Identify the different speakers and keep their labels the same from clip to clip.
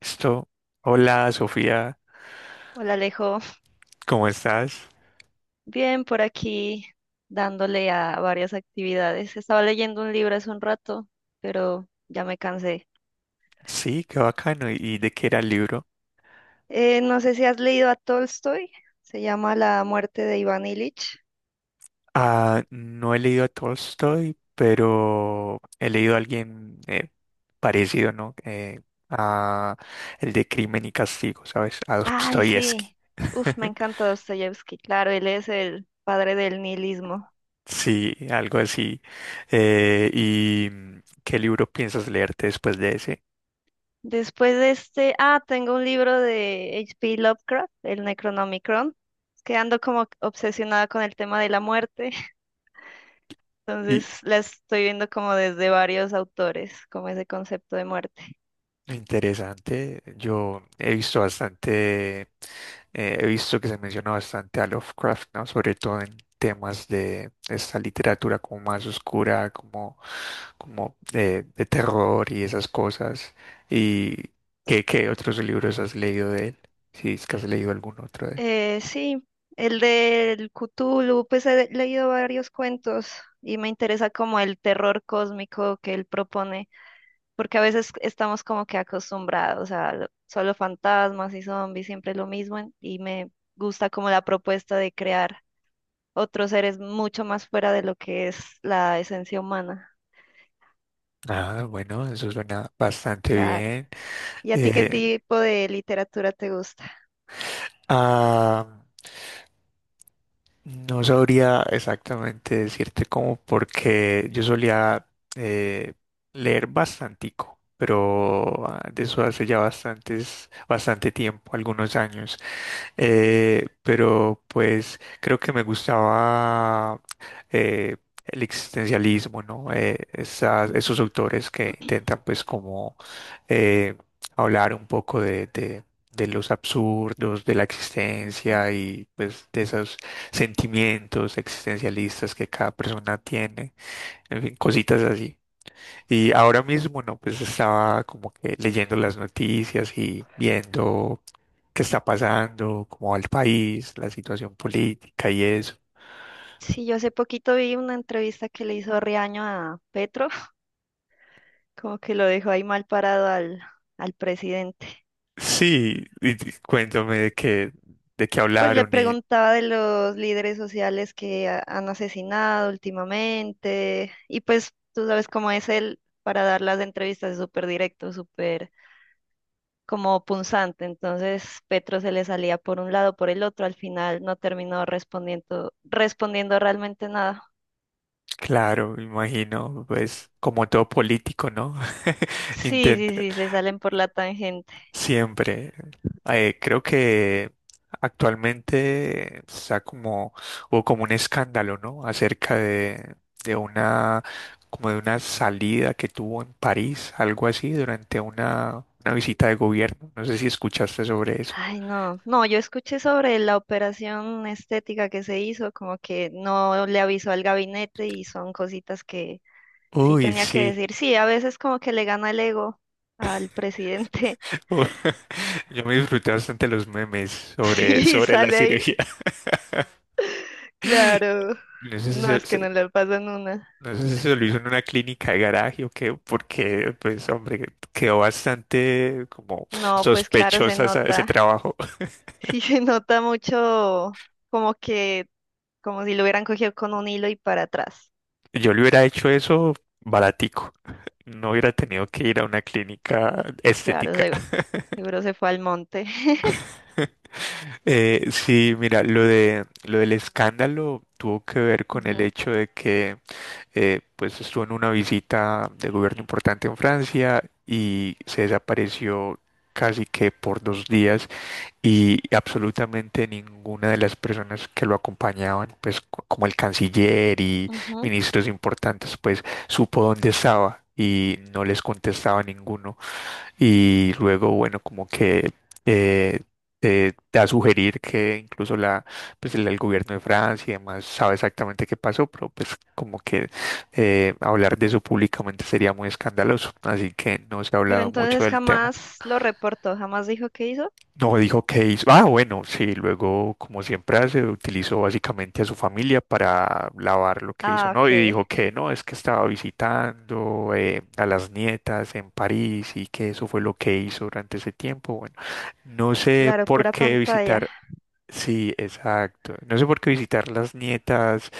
Speaker 1: Esto, hola Sofía,
Speaker 2: Hola Alejo,
Speaker 1: ¿cómo estás?
Speaker 2: bien por aquí dándole a varias actividades. Estaba leyendo un libro hace un rato, pero ya me cansé.
Speaker 1: Sí, qué bacano. ¿Y de qué era el libro?
Speaker 2: No sé si has leído a Tolstoy, se llama La muerte de Iván Ilich.
Speaker 1: Ah, no he leído a Tolstoy, pero he leído a alguien parecido, ¿no? A el de Crimen y Castigo, ¿sabes? A
Speaker 2: Ay,
Speaker 1: Dostoyevsky.
Speaker 2: sí, uf, me encanta Dostoyevsky, claro, él es el padre del nihilismo.
Speaker 1: Sí, algo así. ¿Y qué libro piensas leerte después de ese?
Speaker 2: Después de este, ah, tengo un libro de H. P. Lovecraft, el Necronomicon, que ando como obsesionada con el tema de la muerte.
Speaker 1: Y
Speaker 2: Entonces la estoy viendo como desde varios autores, como ese concepto de muerte.
Speaker 1: interesante, yo he visto bastante. He visto que se menciona bastante a Lovecraft, ¿no? Sobre todo en temas de esta literatura como más oscura, como de terror y esas cosas. ¿Y qué otros libros has leído de él? Si es que has leído algún otro de él.
Speaker 2: Sí, el del Cthulhu, pues he leído varios cuentos y me interesa como el terror cósmico que él propone, porque a veces estamos como que acostumbrados a solo fantasmas y zombies, siempre lo mismo, y me gusta como la propuesta de crear otros seres mucho más fuera de lo que es la esencia humana.
Speaker 1: Ah, bueno, eso suena bastante
Speaker 2: Claro.
Speaker 1: bien.
Speaker 2: ¿Y a ti qué
Speaker 1: Eh,
Speaker 2: tipo de literatura te gusta?
Speaker 1: ah, No sabría exactamente decirte cómo, porque yo solía eh, leer bastantico, pero de eso hace ya bastante tiempo, algunos años. Pero pues creo que me gustaba eh, el existencialismo, ¿no? Esos autores que intentan pues como eh, hablar un poco de los absurdos de la
Speaker 2: Ujú.
Speaker 1: existencia y pues de esos sentimientos existencialistas que cada persona tiene, en fin, cositas así. Y ahora mismo, no, pues estaba como que leyendo las noticias y viendo qué está pasando, cómo va el país, la situación política y eso.
Speaker 2: Sí, yo hace poquito vi una entrevista que le hizo Riaño a Petro, como que lo dejó ahí mal parado al presidente.
Speaker 1: Sí, y de qué
Speaker 2: Pues le
Speaker 1: hablaron y
Speaker 2: preguntaba de los líderes sociales que han asesinado últimamente, y pues tú sabes cómo es él para dar las entrevistas, es súper directo, súper como punzante. Entonces Petro se le salía por un lado, por el otro, al final no terminó respondiendo, respondiendo realmente nada.
Speaker 1: claro, imagino, pues como todo político, ¿no?
Speaker 2: Sí, sí,
Speaker 1: Intenta.
Speaker 2: sí, se salen por la tangente.
Speaker 1: Siempre. Creo que actualmente está como, hubo como un escándalo, ¿no? Acerca de una, como de una salida que tuvo en París, algo así, durante una visita de gobierno. No sé si escuchaste sobre eso.
Speaker 2: Ay, no, no, yo escuché sobre la operación estética que se hizo, como que no le avisó al gabinete y son cositas que sí
Speaker 1: Uy,
Speaker 2: tenía que
Speaker 1: sí.
Speaker 2: decir. Sí, a veces como que le gana el ego al presidente.
Speaker 1: Yo me disfruté bastante los memes
Speaker 2: Sí,
Speaker 1: sobre la
Speaker 2: sale ahí,
Speaker 1: cirugía.
Speaker 2: claro.
Speaker 1: No sé si,
Speaker 2: No, es que no le pasan una.
Speaker 1: No sé si se lo hizo en una clínica de garaje o qué, porque, pues, hombre, quedó bastante como
Speaker 2: No, pues claro, se
Speaker 1: ese
Speaker 2: nota.
Speaker 1: trabajo.
Speaker 2: Sí, se nota mucho como que, como si lo hubieran cogido con un hilo y para atrás.
Speaker 1: Si yo le hubiera hecho eso baratico. No hubiera tenido que ir a una clínica
Speaker 2: Claro,
Speaker 1: estética.
Speaker 2: seguro se fue al monte.
Speaker 1: Sí, mira, lo del escándalo tuvo que ver con el
Speaker 2: Ujú,
Speaker 1: hecho de que, pues, estuvo en una visita de gobierno importante en Francia y se desapareció casi que por dos días y absolutamente ninguna de las personas que lo acompañaban, pues como el canciller y
Speaker 2: ujú.
Speaker 1: ministros importantes, pues supo dónde estaba y no les contestaba ninguno. Y luego, bueno, como que eh, da a sugerir que incluso pues el gobierno de Francia y demás sabe exactamente qué pasó, pero pues como que hablar de eso públicamente sería muy escandaloso. Así que no se ha
Speaker 2: Pero
Speaker 1: hablado mucho
Speaker 2: entonces
Speaker 1: del tema.
Speaker 2: jamás lo reportó, jamás dijo qué hizo.
Speaker 1: No dijo que hizo. Ah, bueno, sí, luego, como siempre hace, utilizó básicamente a su familia para lavar lo que hizo,
Speaker 2: Ah,
Speaker 1: ¿no?
Speaker 2: ok.
Speaker 1: Y dijo que no, es que estaba visitando a las nietas en París y que eso fue lo que hizo durante ese tiempo. Bueno, no sé
Speaker 2: Claro,
Speaker 1: por
Speaker 2: pura
Speaker 1: qué
Speaker 2: pantalla.
Speaker 1: visitar. Sí, exacto. No sé por qué visitar las nietas,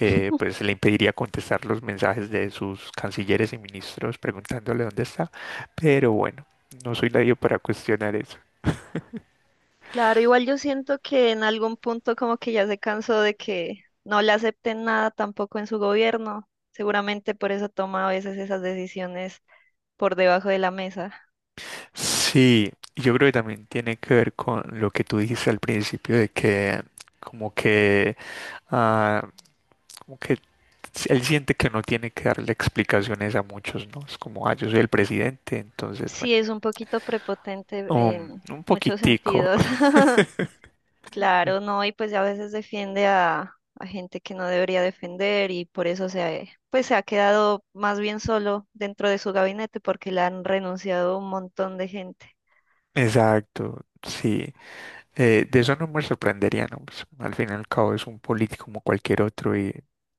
Speaker 1: pues le impediría contestar los mensajes de sus cancilleres y ministros preguntándole dónde está. Pero bueno, no soy nadie para cuestionar eso.
Speaker 2: Claro, igual yo siento que en algún punto como que ya se cansó de que no le acepten nada tampoco en su gobierno. Seguramente por eso toma a veces esas decisiones por debajo de la mesa.
Speaker 1: Sí, yo creo que también tiene que ver con lo que tú dijiste al principio de que como que ah, como que él siente que no tiene que darle explicaciones a muchos, ¿no? Es como, ah, yo soy el presidente, entonces,
Speaker 2: Sí,
Speaker 1: bueno,
Speaker 2: es un poquito prepotente en
Speaker 1: un
Speaker 2: muchos
Speaker 1: poquitico.
Speaker 2: sentidos. Claro, no, y pues a veces defiende a gente que no debería defender y por eso pues se ha quedado más bien solo dentro de su gabinete porque le han renunciado un montón de gente.
Speaker 1: Exacto, sí. De eso no me sorprendería, ¿no? Pues, al fin y al cabo es un político como cualquier otro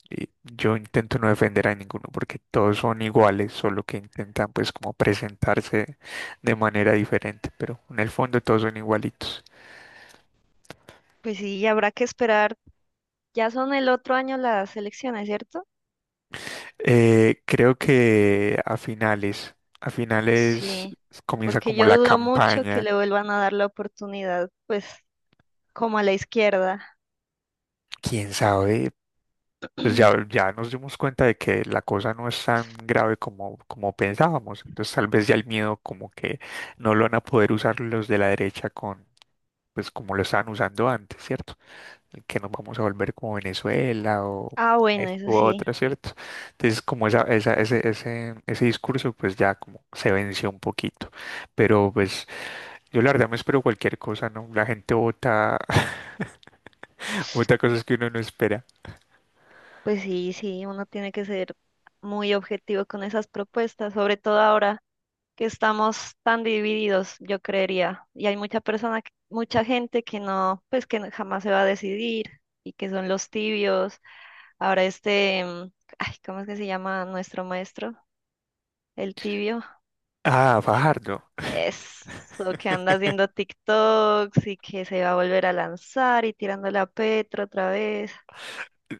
Speaker 1: y yo intento no defender a ninguno porque todos son iguales, solo que intentan pues como presentarse de manera diferente, pero en el fondo todos son igualitos.
Speaker 2: Pues sí, y habrá que esperar. Ya son el otro año las elecciones, ¿cierto?
Speaker 1: Creo que a a finales
Speaker 2: Sí,
Speaker 1: comienza
Speaker 2: porque
Speaker 1: como
Speaker 2: yo
Speaker 1: la
Speaker 2: dudo mucho que
Speaker 1: campaña,
Speaker 2: le vuelvan a dar la oportunidad, pues como a la izquierda.
Speaker 1: quién sabe, pues ya nos dimos cuenta de que la cosa no es tan grave como, como pensábamos. Entonces tal vez ya el miedo como que no lo van a poder usar los de la derecha con, pues como lo estaban usando antes, ¿cierto? Que nos vamos a volver como Venezuela o
Speaker 2: Ah, bueno,
Speaker 1: esto
Speaker 2: eso
Speaker 1: u
Speaker 2: sí,
Speaker 1: otro, ¿cierto? Entonces como ese discurso pues ya como se venció un poquito. Pero pues yo la verdad me espero cualquier cosa, ¿no? La gente vota, vota cosas que uno no espera.
Speaker 2: pues sí, sí, uno tiene que ser muy objetivo con esas propuestas, sobre todo ahora que estamos tan divididos, yo creería. Y hay mucha persona, mucha gente que no, pues que no- jamás se va a decidir y que son los tibios. Ahora este, ay, ¿cómo es que se llama nuestro maestro? El tibio.
Speaker 1: Ah, Fajardo.
Speaker 2: Eso, que anda haciendo TikToks y que se va a volver a lanzar y tirándole a Petro otra vez.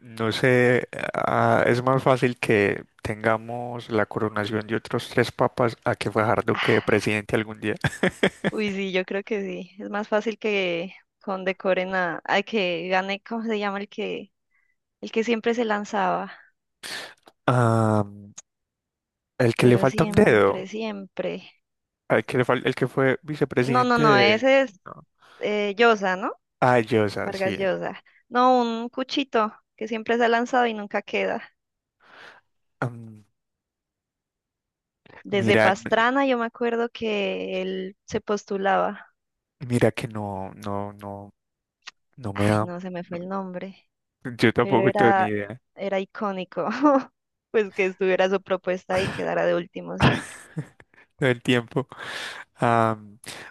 Speaker 1: No sé, ah, es más fácil que tengamos la coronación de otros tres papas a que Fajardo quede
Speaker 2: Ah,
Speaker 1: presidente algún día.
Speaker 2: uy, sí, yo creo que sí. Es más fácil que condecoren a, ay, que gane, ¿cómo se llama el que siempre se lanzaba?
Speaker 1: Ah, el que le
Speaker 2: Pero
Speaker 1: falta un
Speaker 2: siempre,
Speaker 1: dedo,
Speaker 2: siempre.
Speaker 1: el que fue
Speaker 2: No, no,
Speaker 1: vicepresidente
Speaker 2: no,
Speaker 1: de...
Speaker 2: ese es
Speaker 1: no.
Speaker 2: Llosa, ¿no?
Speaker 1: Ah, Llosa,
Speaker 2: Vargas
Speaker 1: sí.
Speaker 2: Llosa. No, un cuchito que siempre se ha lanzado y nunca queda.
Speaker 1: Mm,
Speaker 2: Desde
Speaker 1: mira,
Speaker 2: Pastrana yo me acuerdo que él se postulaba.
Speaker 1: mira que no, no, no, no me
Speaker 2: Ay,
Speaker 1: da...
Speaker 2: no, se me fue
Speaker 1: no,
Speaker 2: el nombre,
Speaker 1: yo
Speaker 2: pero
Speaker 1: tampoco tengo ni idea
Speaker 2: era icónico. Pues que estuviera su propuesta y quedara de último siempre.
Speaker 1: del tiempo. Ah,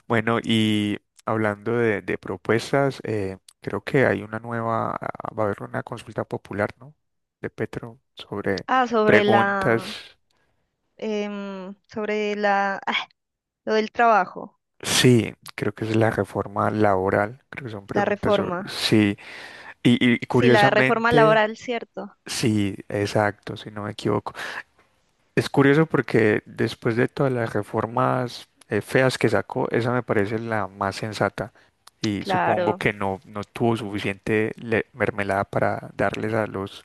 Speaker 1: bueno, y hablando de propuestas, creo que hay una nueva, ah, va a haber una consulta popular, ¿no? De Petro sobre
Speaker 2: Ah,
Speaker 1: preguntas.
Speaker 2: sobre la, ah, lo del trabajo,
Speaker 1: Sí, creo que es la reforma laboral, creo que son
Speaker 2: la
Speaker 1: preguntas sobre...
Speaker 2: reforma.
Speaker 1: Sí, y, y
Speaker 2: Sí, la reforma
Speaker 1: curiosamente,
Speaker 2: laboral, cierto.
Speaker 1: sí, exacto, si no me equivoco. Es curioso porque después de todas las reformas feas que sacó, esa me parece la más sensata y supongo
Speaker 2: Claro.
Speaker 1: que no tuvo suficiente mermelada para darles a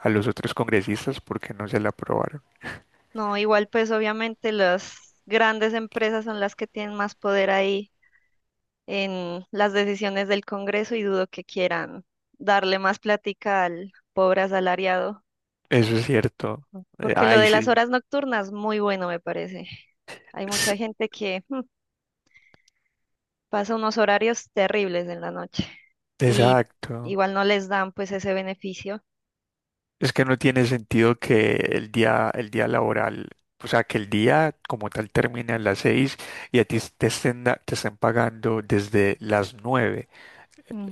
Speaker 1: a los otros congresistas porque no se la aprobaron.
Speaker 2: No, igual pues obviamente las grandes empresas son las que tienen más poder ahí en las decisiones del Congreso y dudo que quieran darle más plática al pobre asalariado,
Speaker 1: Eso es cierto.
Speaker 2: porque lo
Speaker 1: Ay,
Speaker 2: de las
Speaker 1: sí.
Speaker 2: horas nocturnas, muy bueno me parece. Hay
Speaker 1: s-
Speaker 2: mucha gente que pasa unos horarios terribles en la noche y
Speaker 1: Exacto.
Speaker 2: igual no les dan pues ese beneficio.
Speaker 1: Es que no tiene sentido que el día laboral, o sea, que el día como tal termine a las seis y a ti te estén, te estén pagando desde las nueve.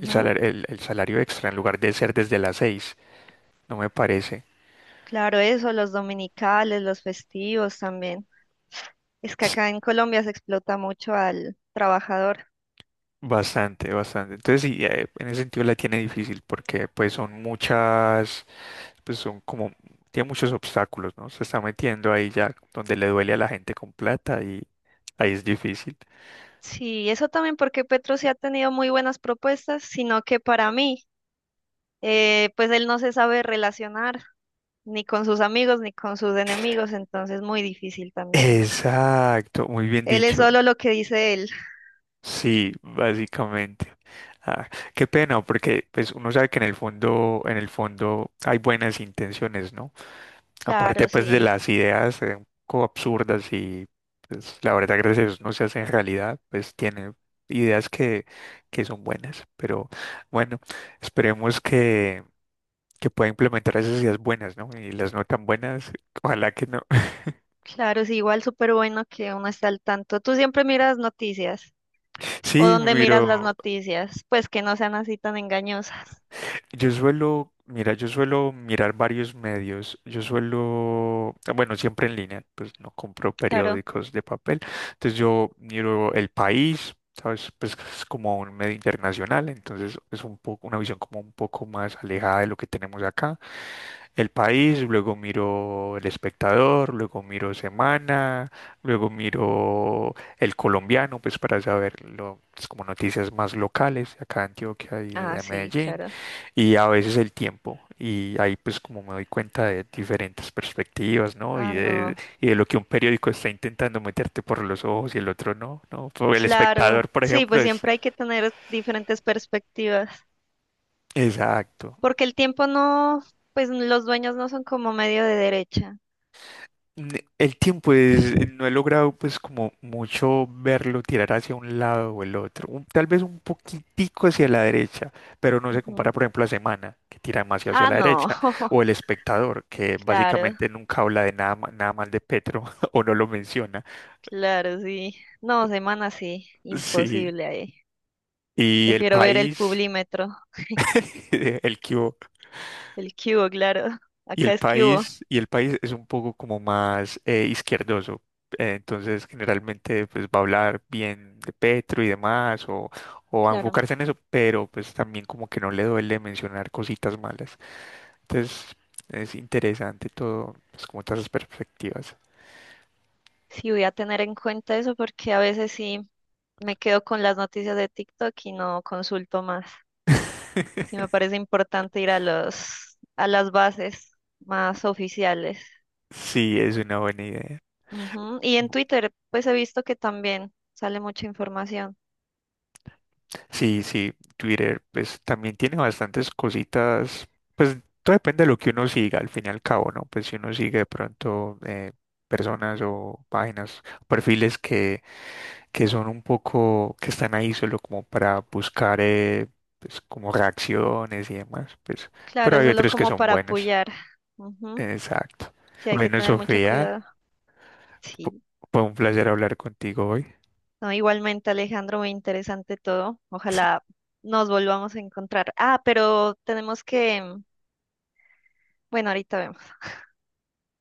Speaker 1: El salario, el salario extra en lugar de ser desde las 6 no me parece
Speaker 2: Claro, eso, los dominicales, los festivos también. Es que
Speaker 1: ts-
Speaker 2: acá en Colombia se explota mucho al trabajador.
Speaker 1: bastante, bastante. Entonces sí, en ese sentido la tiene difícil porque pues son muchas, pues son como, tiene muchos obstáculos, ¿no? Se está metiendo ahí ya donde le duele a la gente con plata y ahí es difícil.
Speaker 2: Sí, eso también porque Petro sí ha tenido muy buenas propuestas, sino que para mí, pues él no se sabe relacionar ni con sus amigos ni con sus enemigos, entonces muy difícil también.
Speaker 1: Exacto, muy bien
Speaker 2: Él es
Speaker 1: dicho.
Speaker 2: solo lo que dice él.
Speaker 1: Sí, básicamente. Ah, qué pena, porque pues uno sabe que en el fondo hay buenas intenciones, ¿no? Aparte
Speaker 2: Claro,
Speaker 1: pues de
Speaker 2: sí,
Speaker 1: las ideas un poco absurdas y pues la verdad gracias a Dios no se hacen realidad, pues tiene ideas que son buenas, pero bueno, esperemos que pueda implementar esas ideas buenas, ¿no? Y las no tan buenas, ojalá que no.
Speaker 2: claro, sí, igual súper bueno que uno esté al tanto. Tú siempre miras noticias, o
Speaker 1: Sí,
Speaker 2: dónde miras las
Speaker 1: miro.
Speaker 2: noticias, pues que no sean así tan engañosas.
Speaker 1: Yo suelo, mira, yo suelo mirar varios medios. Yo suelo, bueno, siempre en línea, pues no compro
Speaker 2: Claro.
Speaker 1: periódicos de papel. Entonces yo miro El País, ¿sabes? Pues es como un medio internacional, entonces es un poco una visión como un poco más alejada de lo que tenemos acá. El País, luego miro El Espectador, luego miro Semana, luego miro El Colombiano, pues para saber lo, pues, como noticias más locales acá de Antioquia y
Speaker 2: Ah,
Speaker 1: de
Speaker 2: sí,
Speaker 1: Medellín
Speaker 2: claro.
Speaker 1: y a veces el tiempo. Y ahí pues como me doy cuenta de diferentes perspectivas, ¿no?
Speaker 2: Ah, no.
Speaker 1: Y de lo que un periódico está intentando meterte por los ojos y el otro no, ¿no? Por El
Speaker 2: Claro,
Speaker 1: Espectador, por
Speaker 2: sí,
Speaker 1: ejemplo,
Speaker 2: pues
Speaker 1: es...
Speaker 2: siempre hay que tener diferentes perspectivas,
Speaker 1: Exacto.
Speaker 2: porque el tiempo no, pues los dueños no son como medio de derecha.
Speaker 1: N- El tiempo es, no he logrado pues como mucho verlo tirar hacia un lado o el otro, un- tal vez un poquitico hacia la derecha, pero no se compara
Speaker 2: Ujú.
Speaker 1: por ejemplo a Semana, que tira demasiado hacia
Speaker 2: Ah,
Speaker 1: la
Speaker 2: no,
Speaker 1: derecha, o El Espectador, que
Speaker 2: claro,
Speaker 1: básicamente nunca habla de nada, nada mal de Petro o no lo menciona.
Speaker 2: claro, sí. No, semana sí,
Speaker 1: Sí,
Speaker 2: imposible ahí.
Speaker 1: y el
Speaker 2: Prefiero ver el
Speaker 1: país,
Speaker 2: Publímetro,
Speaker 1: el que hubo,
Speaker 2: el cubo, claro. Acá es cubo,
Speaker 1: y el país es un poco como más izquierdoso. Entonces, generalmente, pues va a hablar bien de Petro y demás, o va a
Speaker 2: claro.
Speaker 1: enfocarse en eso, pero pues también como que no le duele mencionar cositas malas. Entonces, es interesante todo, pues como todas las perspectivas.
Speaker 2: Sí, voy a tener en cuenta eso porque a veces sí me quedo con las noticias de TikTok y no consulto más. Sí, me parece importante ir a a las bases más oficiales.
Speaker 1: Sí, es una buena idea.
Speaker 2: Ujú. Y en Twitter, pues he visto que también sale mucha información.
Speaker 1: Sí, Twitter pues también tiene bastantes cositas, pues todo depende de lo que uno siga al fin y al cabo, ¿no? Pues si uno sigue de pronto personas o páginas, perfiles que son un poco, que están ahí solo como para buscar pues como reacciones y demás, pues, pero
Speaker 2: Claro,
Speaker 1: hay
Speaker 2: solo
Speaker 1: otros que
Speaker 2: como
Speaker 1: son
Speaker 2: para
Speaker 1: buenos,
Speaker 2: apoyar. Ujú.
Speaker 1: exacto.
Speaker 2: Sí, hay que
Speaker 1: Bueno,
Speaker 2: tener mucho
Speaker 1: Sofía,
Speaker 2: cuidado.
Speaker 1: fu-
Speaker 2: Sí.
Speaker 1: fue un placer hablar contigo hoy.
Speaker 2: No, igualmente, Alejandro, muy interesante todo. Ojalá nos volvamos a encontrar. Ah, pero tenemos bueno, ahorita vemos.